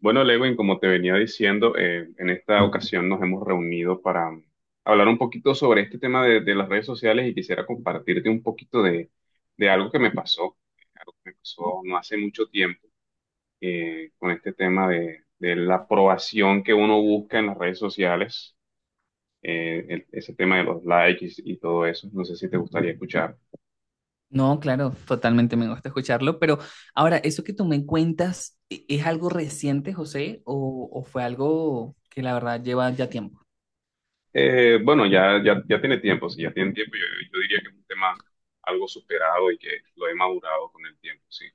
Bueno, Lewin, como te venía diciendo, en esta ocasión nos hemos reunido para hablar un poquito sobre este tema de las redes sociales y quisiera compartirte un poquito de algo que me pasó, algo que me pasó no hace mucho tiempo, con este tema de la aprobación que uno busca en las redes sociales, ese tema de los likes y todo eso. No sé si te gustaría escuchar. No, claro, totalmente me gusta escucharlo, pero ahora, ¿eso que tú me cuentas es algo reciente, José, o, fue algo que la verdad lleva ya tiempo? Bueno, ya tiene tiempo, si ya tiene tiempo, yo diría que es un tema algo superado y que lo he madurado con el tiempo, sí.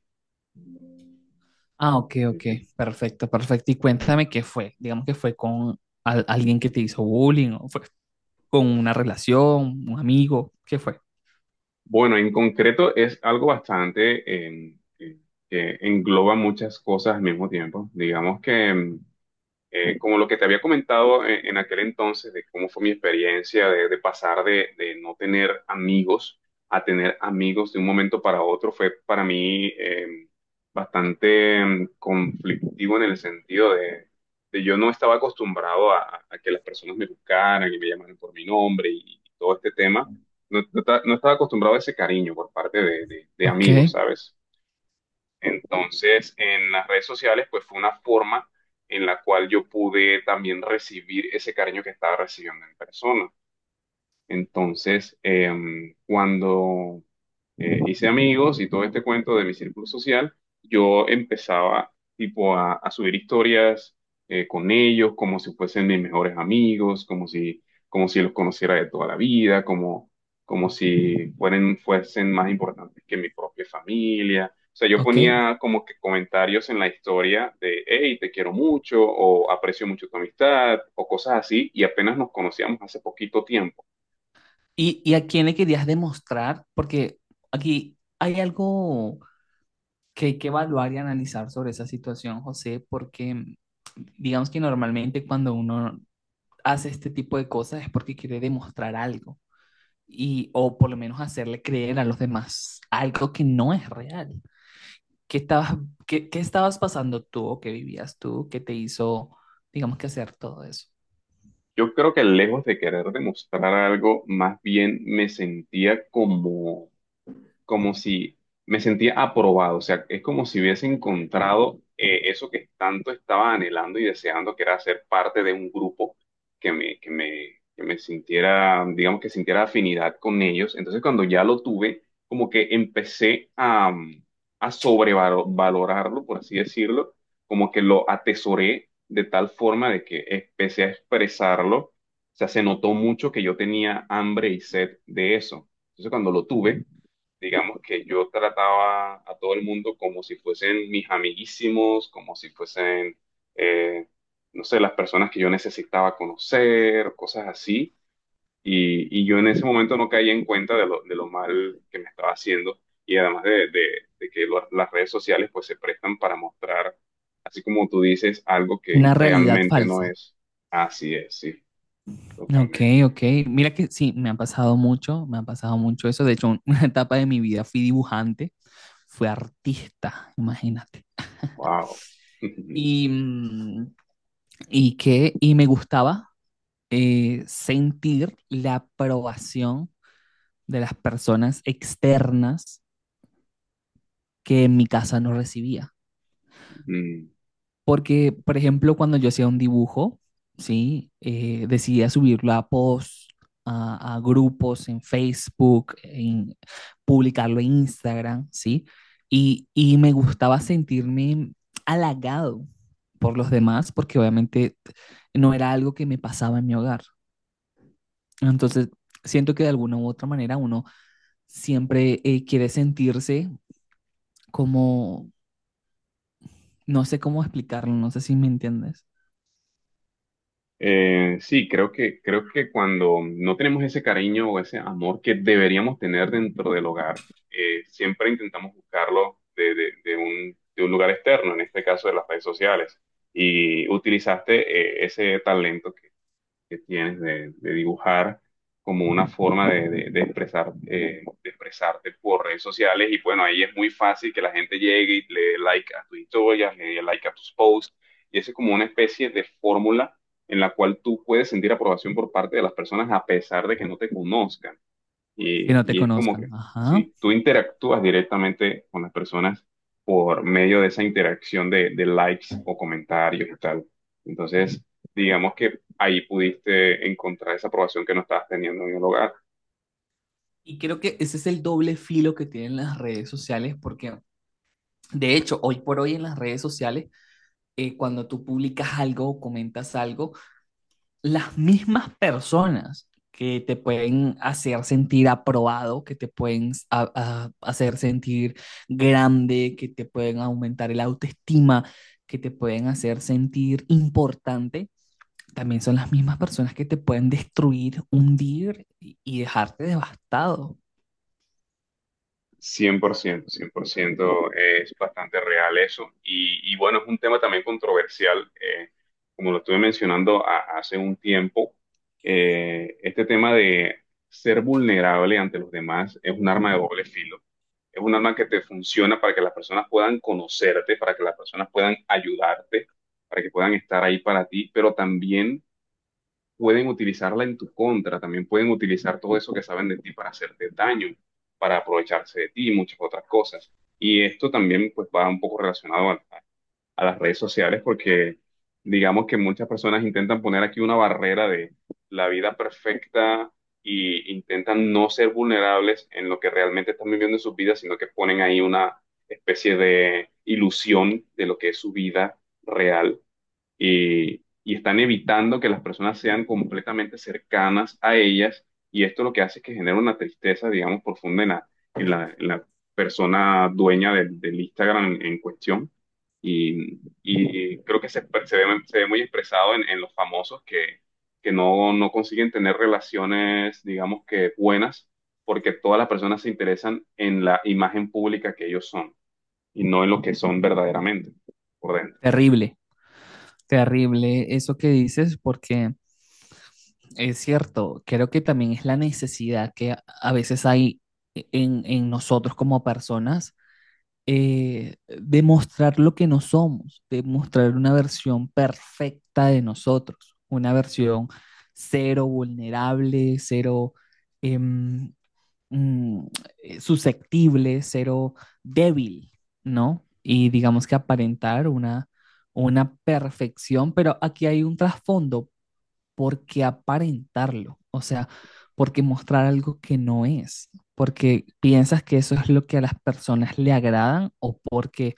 Ah, ok, Sí, ok, sí. perfecto, perfecto. Y cuéntame qué fue, digamos que fue con alguien que te hizo bullying, o fue con una relación, un amigo, ¿qué fue? Bueno, en concreto es algo bastante que engloba muchas cosas al mismo tiempo. Digamos que como lo que te había comentado en aquel entonces, de cómo fue mi experiencia de pasar de no tener amigos a tener amigos de un momento para otro, fue para mí bastante conflictivo en el sentido de yo no estaba acostumbrado a que las personas me buscaran y me llamaran por mi nombre y todo este tema. No estaba acostumbrado a ese cariño por parte de Ok, amigos, ¿sabes? Entonces, en las redes sociales, pues fue una forma en la cual yo pude también recibir ese cariño que estaba recibiendo en persona. Entonces, cuando hice amigos y todo este cuento de mi círculo social, yo empezaba tipo a subir historias con ellos como si fuesen mis mejores amigos, como si los conociera de toda la vida, como, como si fueran, fuesen más importantes que mi propia familia. O sea, yo ok. ponía como que comentarios en la historia de, hey, te quiero mucho, o aprecio mucho tu amistad, o cosas así, y apenas nos conocíamos hace poquito tiempo. ¿Y, a quién le querías demostrar? Porque aquí hay algo que hay que evaluar y analizar sobre esa situación, José, porque digamos que normalmente cuando uno hace este tipo de cosas es porque quiere demostrar algo y o por lo menos hacerle creer a los demás algo que no es real. ¿Qué estabas, qué estabas pasando tú o qué vivías tú que te hizo, digamos que hacer todo eso? Yo creo que lejos de querer demostrar algo, más bien me sentía como, como si me sentía aprobado, o sea, es como si hubiese encontrado eso que tanto estaba anhelando y deseando, que era ser parte de un grupo que me, que me, que me sintiera, digamos que sintiera afinidad con ellos. Entonces, cuando ya lo tuve, como que empecé a sobrevalorarlo, por así decirlo, como que lo atesoré de tal forma de que empecé a expresarlo. O sea, se notó mucho que yo tenía hambre y sed de eso. Entonces, cuando lo tuve, digamos que yo trataba a todo el mundo como si fuesen mis amiguísimos, como si fuesen, eh, no sé, las personas que yo necesitaba conocer, cosas así. Y yo en ese momento no caía en cuenta de lo mal que me estaba haciendo y además de que las redes sociales pues se prestan para mostrar, así como tú dices, algo que Una realidad realmente no falsa. es. Así es, sí, Ok, totalmente. ok. Mira que sí, me ha pasado mucho, me ha pasado mucho eso. De hecho, una etapa de mi vida fui dibujante, fui artista, imagínate. Wow. Y, y que, y me gustaba sentir la aprobación de las personas externas que en mi casa no recibía. Porque, por ejemplo, cuando yo hacía un dibujo, ¿sí? Decidía subirlo a posts, a grupos en Facebook, en, publicarlo en Instagram, ¿sí? Y me gustaba sentirme halagado por los demás, porque obviamente no era algo que me pasaba en mi hogar. Entonces, siento que de alguna u otra manera uno siempre quiere sentirse como, no sé cómo explicarlo, no sé si me entiendes, sí, creo que cuando no tenemos ese cariño o ese amor que deberíamos tener dentro del hogar, siempre intentamos buscarlo de de un lugar externo, en este caso de las redes sociales. Y utilizaste ese talento que tienes de dibujar como una forma de expresar, de expresarte por redes sociales. Y bueno, ahí es muy fácil que la gente llegue y le dé like a tus historias, le dé like a tus posts. Y eso es como una especie de fórmula en la cual tú puedes sentir aprobación por parte de las personas a pesar de que no te conozcan. que no te Y es como conozcan. que Ajá. si tú interactúas directamente con las personas por medio de esa interacción de likes o comentarios y tal. Entonces, digamos que ahí pudiste encontrar esa aprobación que no estabas teniendo en el hogar. Y creo que ese es el doble filo que tienen las redes sociales, porque de hecho, hoy por hoy en las redes sociales, cuando tú publicas algo o comentas algo, las mismas personas que te pueden hacer sentir aprobado, que te pueden hacer sentir grande, que te pueden aumentar el autoestima, que te pueden hacer sentir importante, también son las mismas personas que te pueden destruir, hundir y dejarte devastado. cien Cien por ciento, es bastante real eso. Y bueno, es un tema también controversial, como lo estuve mencionando hace un tiempo, este tema de ser vulnerable ante los demás es un arma de doble filo. Es un arma que te funciona para que las personas puedan conocerte, para que las personas puedan ayudarte, para que puedan estar ahí para ti, pero también pueden utilizarla en tu contra, también pueden utilizar todo eso que saben de ti para hacerte daño, para aprovecharse de ti y muchas otras cosas. Y esto también pues va un poco relacionado a las redes sociales porque digamos que muchas personas intentan poner aquí una barrera de la vida perfecta y intentan no ser vulnerables en lo que realmente están viviendo en sus vidas, sino que ponen ahí una especie de ilusión de lo que es su vida real y están evitando que las personas sean completamente cercanas a ellas y esto lo que hace es que genera una tristeza, digamos, profunda en la persona dueña del Instagram en cuestión. Y, y creo que se, se ve muy expresado en los famosos que no, no consiguen tener relaciones, digamos que buenas, porque todas las personas se interesan en la imagen pública que ellos son y no en lo que son verdaderamente por dentro. Terrible. Terrible eso que dices, porque es cierto, creo que también es la necesidad que a veces hay en nosotros como personas de mostrar lo que no somos, de mostrar una versión perfecta de nosotros, una versión cero vulnerable, cero em, mm, susceptible, cero débil, ¿no? Y digamos que aparentar una perfección, pero aquí hay un trasfondo, ¿por qué aparentarlo? O sea, ¿por qué mostrar algo que no es? ¿Porque piensas que eso es lo que a las personas le agradan o porque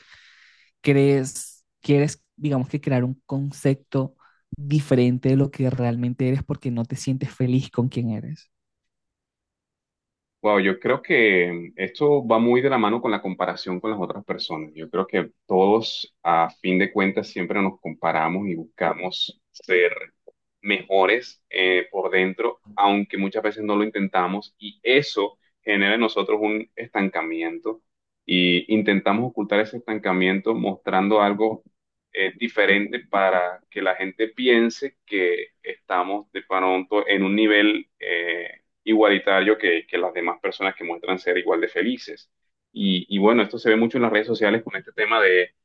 crees, quieres, digamos que crear un concepto diferente de lo que realmente eres porque no te sientes feliz con quien eres? Wow, yo creo que esto va muy de la mano con la comparación con las otras personas. Yo creo que todos, a fin de cuentas, siempre nos comparamos y buscamos ser mejores por dentro, aunque muchas veces no lo intentamos, y eso genera en nosotros un estancamiento. Y intentamos ocultar ese estancamiento mostrando algo diferente para que la gente piense que estamos de pronto en un nivel igualitario que las demás personas que muestran ser igual de felices. Y bueno, esto se ve mucho en las redes sociales con este tema de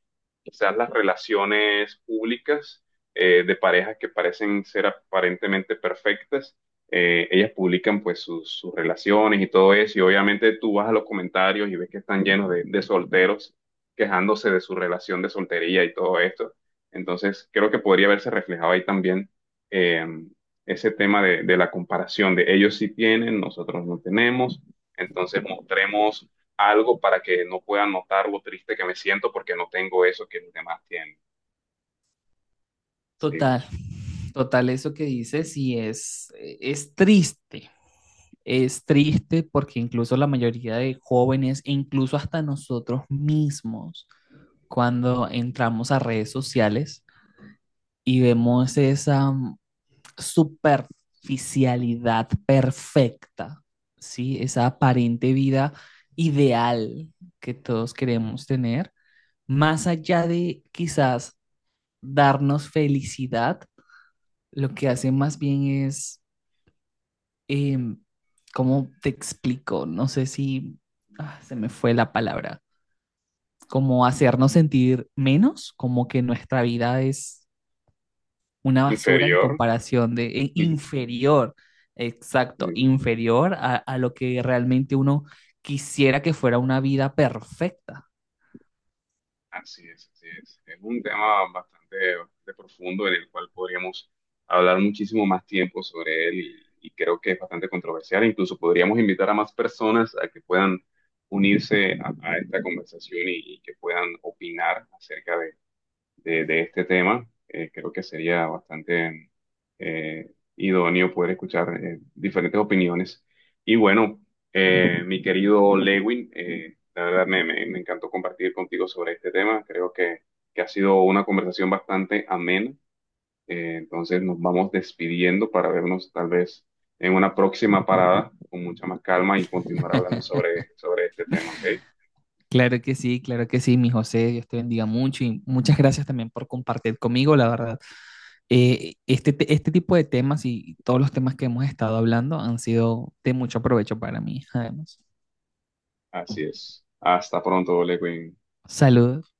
quizás las relaciones públicas de parejas que parecen ser aparentemente perfectas. Ellas publican pues sus relaciones y todo eso, y obviamente tú vas a los comentarios y ves que están llenos de solteros quejándose de su relación de soltería y todo esto. Entonces, creo que podría verse reflejado ahí también eh, ese tema de la comparación de ellos sí tienen, nosotros no tenemos, entonces mostremos algo para que no puedan notar lo triste que me siento porque no tengo eso que los demás tienen. Sí. Total, total, eso que dices y es triste porque incluso la mayoría de jóvenes, e incluso hasta nosotros mismos, cuando entramos a redes sociales y vemos esa superficialidad perfecta, ¿sí? Esa aparente vida ideal que todos queremos tener, más allá de quizás darnos felicidad. Lo que hace más bien es, em, ¿cómo te explico? No sé si se me fue la palabra. Como hacernos sentir menos, como que nuestra vida es una basura en Inferior. comparación de Mm. inferior, exacto, inferior a lo que realmente uno quisiera que fuera una vida perfecta. Así es, así es. Es un tema bastante, bastante profundo en el cual podríamos hablar muchísimo más tiempo sobre él y creo que es bastante controversial. Incluso podríamos invitar a más personas a que puedan unirse a esta conversación y que puedan opinar acerca de de este tema, creo que sería bastante eh, idóneo poder escuchar diferentes opiniones. Y bueno, mi querido Lewin, la verdad me encantó compartir contigo sobre este tema. Creo que ha sido una conversación bastante amena. Entonces nos vamos despidiendo para vernos tal vez en una próxima parada con mucha más calma y continuar hablando sobre este tema, ¿ok? Claro que sí, mi José, Dios te bendiga mucho y muchas gracias también por compartir conmigo, la verdad. Este, este tipo de temas y todos los temas que hemos estado hablando han sido de mucho provecho para mí, además. Así es. Hasta pronto, Lewin. Saludos.